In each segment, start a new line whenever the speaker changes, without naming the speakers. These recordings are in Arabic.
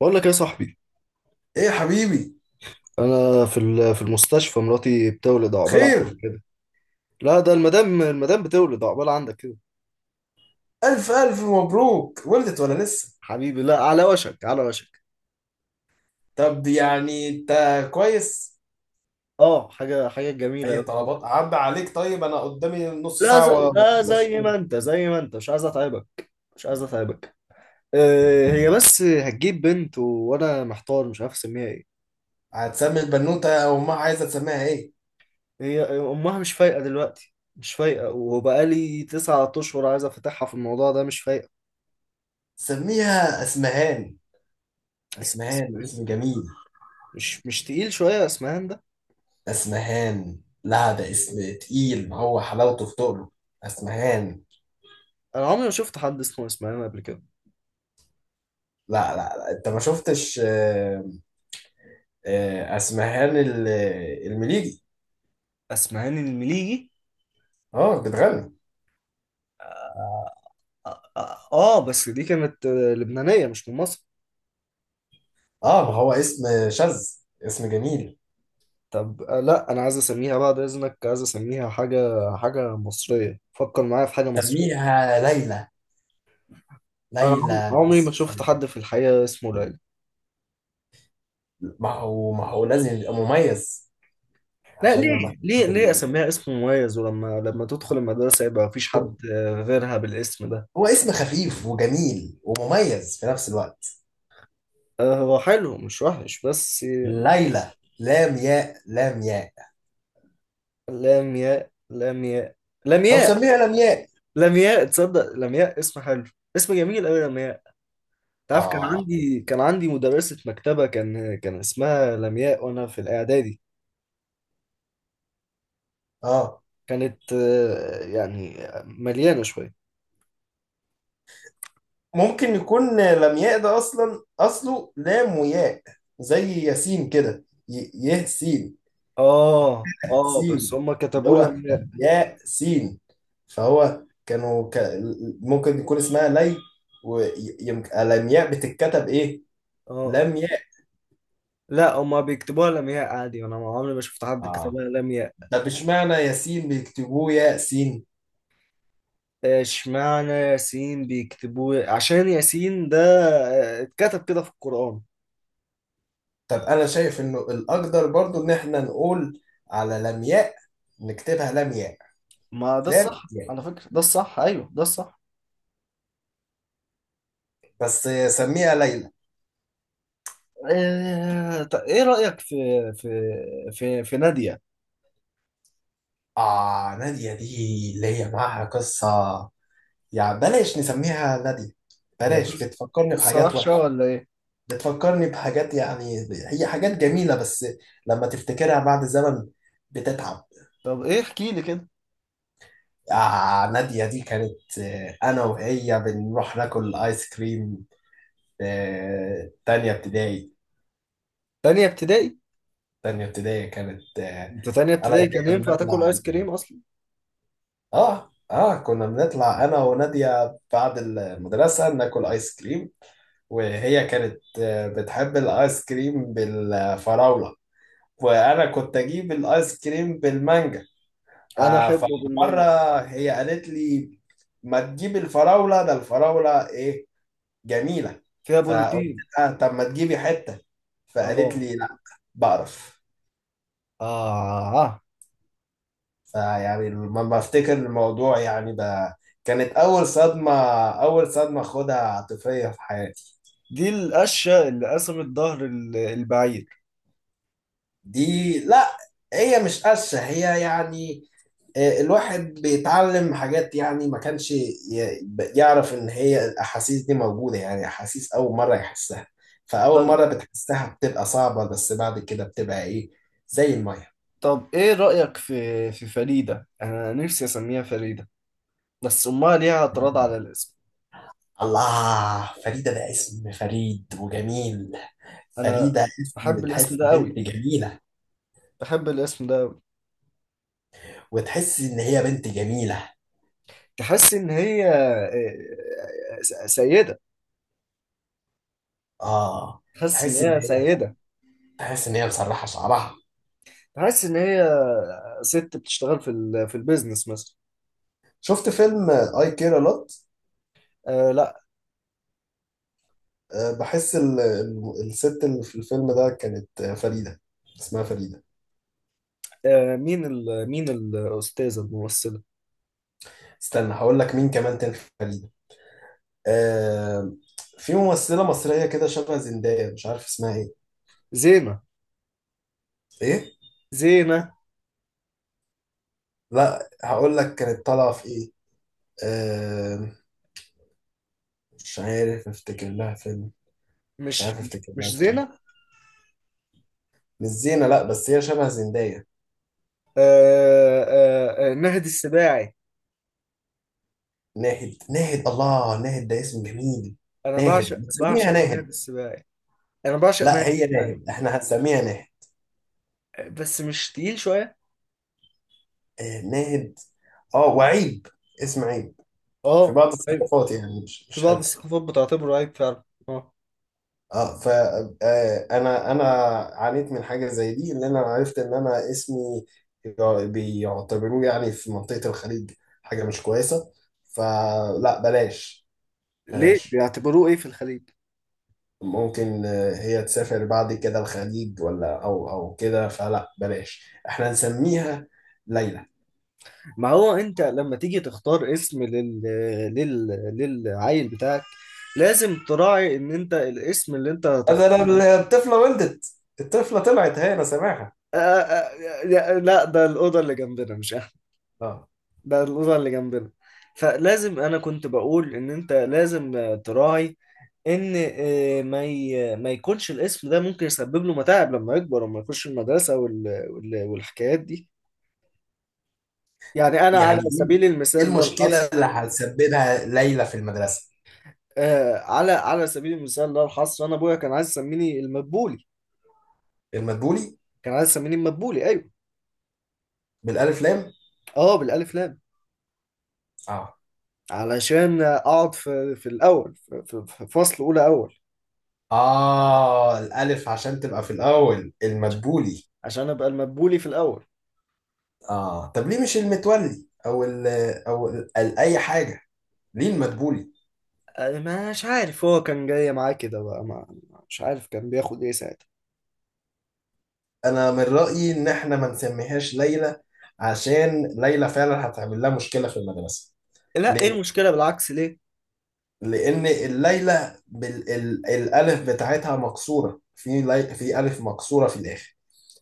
بقول لك يا صاحبي.
ايه يا حبيبي.
انا في المستشفى، مراتي بتولد، عقبال عندك
خير.
كده. لا، ده المدام بتولد عقبال عندك كده.
الف الف مبروك، ولدت ولا لسه؟
حبيبي، لا، على وشك، على وشك.
طب يعني انت كويس.
اه، حاجه جميله
اي
أوي.
طلبات عدى عليك؟ طيب انا قدامي نص
لا،
ساعه
لا،
واخلص شغل.
زي ما انت، مش عايز اتعبك. مش عايز اتعبك. هي بس هتجيب بنت، وانا محتار، مش عارف اسميها ايه.
هتسمي البنوته او امها عايزه تسميها ايه؟
هي امها مش فايقه دلوقتي. مش فايقه، وبقالي 9 اشهر عايز افتحها في الموضوع ده، مش فايقه.
سميها اسمهان. اسمهان
اسمهان؟
اسم جميل.
مش تقيل شويه اسمهان؟
اسمهان، لا ده اسم تقيل، هو حلاوته في تقله. اسمهان.
انا عمري ما شفت حد اسمه اسماعيل قبل كده.
لا، لا، لا. انت ما شفتش اسمهان المليجي.
اسماعيل المليجي؟
اه بتغني.
اه، بس دي كانت لبنانية، مش من مصر.
اه، ما هو اسم شاذ، اسم جميل.
طب، لا، انا عايز اسميها بعد اذنك، عايز اسميها حاجة. حاجة مصرية، فكر معايا في حاجة مصرية.
سميها ليلى.
انا
ليلى
عمري ما
اسم.
شفت حد في الحقيقة اسمه ليلى.
ما هو لازم يبقى مميز،
لا،
عشان
ليه؟
لما تحطها
ليه
في
ليه اسميها اسم مميز، ولما تدخل المدرسة يبقى مفيش
هو،
حد غيرها بالاسم ده؟
هو اسم خفيف وجميل ومميز في نفس الوقت.
هو حلو، مش وحش، بس
ليلى. لام ياء لام ياء.
لام ياء لام ياء. لام
او
ياء.
سميها لمياء.
لمياء، تصدق لمياء اسم حلو. اسم جميل قوي لمياء. تعرف، كان
اه،
عندي كان عندي مدرسة مكتبة، كان اسمها لمياء، وانا في الاعدادي.
اه.
كانت يعني مليانة شوية.
ممكن يكون لمياء ده اصلا اصله لام وياء. زي ياسين كده، يه سين.
اه بس
سين،
هما
اللي
كتبوا
هو
لمياء.
يا سين. فهو كانوا ك... ممكن يكون اسمها لي، ويمكن الامياء بتتكتب ايه؟
اه.
لم ياء.
لا، هما بيكتبوها لمياء عادي، انا ما عمري ما شفت حد
اه.
كتبها لمياء.
طب اشمعنى ياسين بيكتبوه ياسين؟
اشمعنى ياسين بيكتبوه؟ عشان ياسين ده اتكتب كده في القرآن.
طب انا شايف انه الاقدر برضو ان احنا نقول على لمياء، نكتبها لمياء.
ما ده
لام
الصح
ياء
على فكرة، ده الصح، ايوه، ده الصح.
بس. سميها ليلى.
طب، ايه رأيك في في نادية؟
اه، نادية دي اللي هي معاها قصة، يعني بلاش نسميها نادية.
هي
بلاش، بتفكرني
قصة
بحاجات
وحشة
وحشة.
ولا ايه؟
بتفكرني بحاجات، يعني هي حاجات جميلة بس لما تفتكرها بعد زمن بتتعب.
طب ايه، احكي لي كده.
آه، نادية دي كانت، أنا وهي بنروح ناكل آيس كريم. آه، تانية ابتدائي.
تانية ابتدائي؟
تانية ابتدائي كانت
انت تانية
أنا
ابتدائي
وهي
كان ينفع
بنطلع.
تاكل ايس كريم اصلا؟
كنا بنطلع أنا ونادية بعد المدرسة ناكل آيس كريم، وهي كانت بتحب الآيس كريم بالفراولة، وأنا كنت أجيب الآيس كريم بالمانجا.
انا
آه،
احبه
فمرة
بالمانجا.
هي قالت لي: ما تجيبي الفراولة؟ ده الفراولة إيه؟ جميلة.
فيها
فقلت
بروتين.
لها: طب ما تجيبي حتة. فقالت
اه،
لي: لا، بقرف.
اه.
فيعني لما بفتكر الموضوع يعني ده كانت أول صدمة، أول صدمة خدها عاطفية في حياتي.
دي القشة اللي قسمت ظهر البعير.
دي، لا، هي مش قشة، هي يعني، الواحد بيتعلم حاجات، يعني ما كانش يعرف ان هي الاحاسيس دي موجودة، يعني احاسيس اول مرة يحسها. فاول
طب
مرة بتحسها بتبقى صعبة بس بعد كده بتبقى ايه؟ زي المية.
طب ايه رأيك في فريدة؟ انا نفسي اسميها فريدة، بس امها ليها اعتراض على الاسم.
الله، فريدة ده اسم فريد وجميل.
انا
فريدة
احب
اسم
الاسم
تحس
ده
بنت
قوي،
جميلة،
احب الاسم ده.
وتحس ان هي بنت جميلة.
تحس ان هي سيده.
اه.
تحس ان
تحس ان
هي
هي
سيده.
تحس ان هي مسرحة شعرها.
تحس ان هي ست بتشتغل في البيزنس مثلا.
شفت فيلم اي كير لوت؟
آه، لا.
أه، بحس الست اللي في الفيلم ده كانت، فريدة، اسمها فريدة.
آه، مين الاستاذه الممثله؟
استنى هقول لك مين كمان كان في فريدة. أه، في ممثلة مصرية كده شبه زندايا، مش عارف اسمها ايه.
زينه؟
ايه.
زينه؟
لا، هقول لك كانت طالعة في ايه. أه، مش عارف افتكر لها فيلم. مش
مش
عارف افتكر
مش
لها فيلم
زينه.
مش زينة، لا بس هي شبه زندايا.
نهدي السباعي.
ناهد، ناهد، الله، ناهد ده اسم جميل.
انا
ناهد، بنسميها
بعشق
ناهد.
نهدي السباعي. انا بعشق
لا
نهدي
هي
السباعي.
ناهد، احنا هنسميها ناهد.
بس مش تقيل شويه؟
آه، ناهد. اه، وعيب، اسم عيب في
اه،
بعض
ايوه،
الثقافات، يعني مش
في
مش
بعض
حلو.
الثقافات بتعتبره عيب فعلا. اه.
اه، ف انا عانيت من حاجه زي دي، ان انا عرفت ان انا اسمي بيعتبروه، يعني في منطقه الخليج، حاجه مش كويسه، فلا بلاش.
ليه
بلاش.
بيعتبروه ايه في الخليج؟
ممكن هي تسافر بعد كده الخليج ولا او كده، فلا بلاش احنا نسميها ليلى.
ما هو انت لما تيجي تختار اسم لل... للعيل بتاعك، لازم تراعي ان انت الاسم اللي انت هتختار.
الطفله ولدت، الطفله طلعت، هي انا سامعها.
آه آه آه، لا، ده الأوضة اللي جنبنا، مش أنا.
اه.
ده الأوضة اللي جنبنا. فلازم، أنا كنت بقول إن أنت لازم تراعي إن ما يكونش الاسم ده ممكن يسبب له متاعب لما يكبر وما يخش المدرسة، والحكايات دي. يعني أنا، على
يعني ايه؟
سبيل
إيه
المثال لا
المشكله
الحصر،
اللي هتسببها ليلى في المدرسه؟
على سبيل المثال لا الحصر، انا ابويا كان عايز يسميني المدبولي.
المدبولي؟
كان عايز يسميني المدبولي، ايوه.
بالالف لام.
اه، بالالف لام.
اه،
علشان اقعد في الاول، في فصل اولى، اول.
اه، الالف عشان تبقى في الاول، المدبولي.
عشان ابقى المدبولي في الاول.
اه طب ليه مش المتولي او ال، او ال اي حاجه؟ ليه المدبولي؟
آه، مش عارف، هو كان جاي معاه كده بقى. ما مش عارف كان بياخد ايه ساعتها.
انا من رايي ان احنا ما نسميهاش ليلى، عشان ليلى فعلا هتعمل لها مشكله في المدرسه.
لا، ايه
ليه؟
المشكله؟ بالعكس، ليه؟
لان الليلى بالالف بتاعتها مكسوره في في الف مكسوره في الاخر.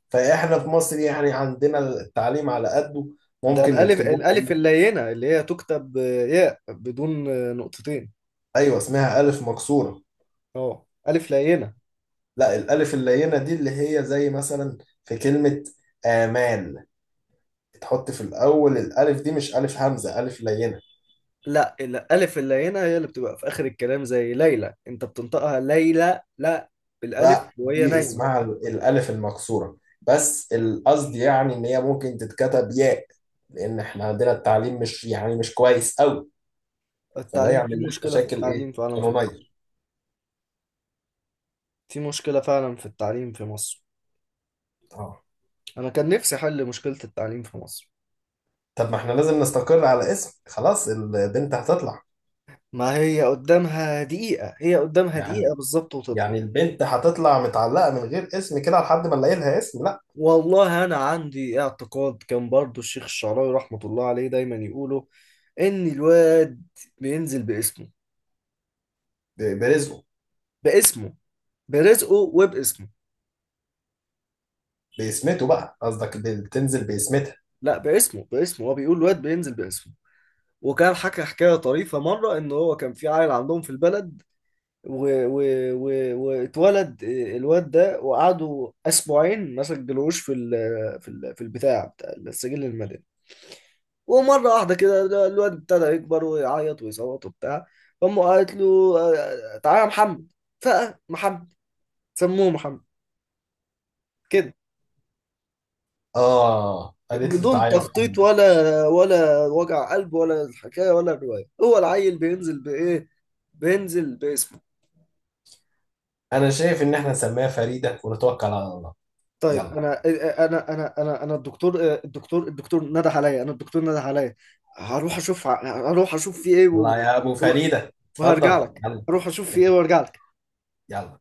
فاحنا في مصر يعني عندنا التعليم على قده،
ده
ممكن
الالف،
يكتبوها ايه.
اللينه اللي هي تكتب ياء بدون نقطتين.
ايوه اسمها الف مكسوره.
اه، الف لينه.
لا، الالف اللينه دي اللي هي زي مثلا في كلمه امال، تحط في الاول الالف دي، مش الف همزه، الف لينه.
لا، الألف اللينة هي اللي بتبقى في آخر الكلام، زي ليلى، أنت بتنطقها ليلى، لا، بالألف
لا
وهي
دي
نايمة.
اسمها الالف المكسوره، بس القصد يعني ان هي ممكن تتكتب ياء، لان احنا عندنا التعليم مش، يعني مش كويس قوي. فده
التعليم، في
يعمل لنا
مشكلة في
مشاكل ايه؟
التعليم فعلا في
قانونيه.
مصر. في مشكلة فعلا في التعليم في مصر.
اه،
أنا كان نفسي أحل مشكلة التعليم في مصر.
طب ما احنا لازم نستقر على اسم خلاص، البنت هتطلع.
ما هي قدامها دقيقة، هي قدامها
يعني،
دقيقة بالظبط وتطلع.
يعني البنت هتطلع متعلقة من غير اسم كده لحد ما نلاقي لها اسم؟ لا.
والله أنا عندي اعتقاد، كان برضو الشيخ الشعراوي رحمة الله عليه دايما يقوله، إن الواد بينزل باسمه.
برزقه.
باسمه، برزقه وباسمه.
باسمته بقى قصدك، بتنزل باسمتها.
لا، باسمه، باسمه، هو بيقول واد بينزل باسمه. وكان حكى حكاية طريفة مرة، إن هو كان في عيل عندهم في البلد، و... و... و... واتولد الواد ده، وقعدوا أسبوعين ما سجلوش في البتاع، بتاع السجل المدني. ومرة واحدة كده، ده الواد ابتدى يكبر ويعيط ويصوت وبتاع. فأمه قالت له تعالى يا محمد. فمحمد، سموه محمد كده.
اه، قالت له
بدون
تعالى يا
تخطيط،
محمد.
ولا وجع قلب، ولا الحكايه، ولا الروايه. هو العيل بينزل بايه؟ بينزل باسمه.
انا شايف ان احنا نسميها فريدة ونتوكل على الله.
طيب،
يلا.
انا الدكتور نده عليا. انا، الدكتور نده عليا. هروح اشوف، في ايه،
يلا يا ابو فريدة،
وهرجع
اتفضل
لك.
يلا.
هروح اشوف في ايه
يلا.
وارجع لك.
يلا.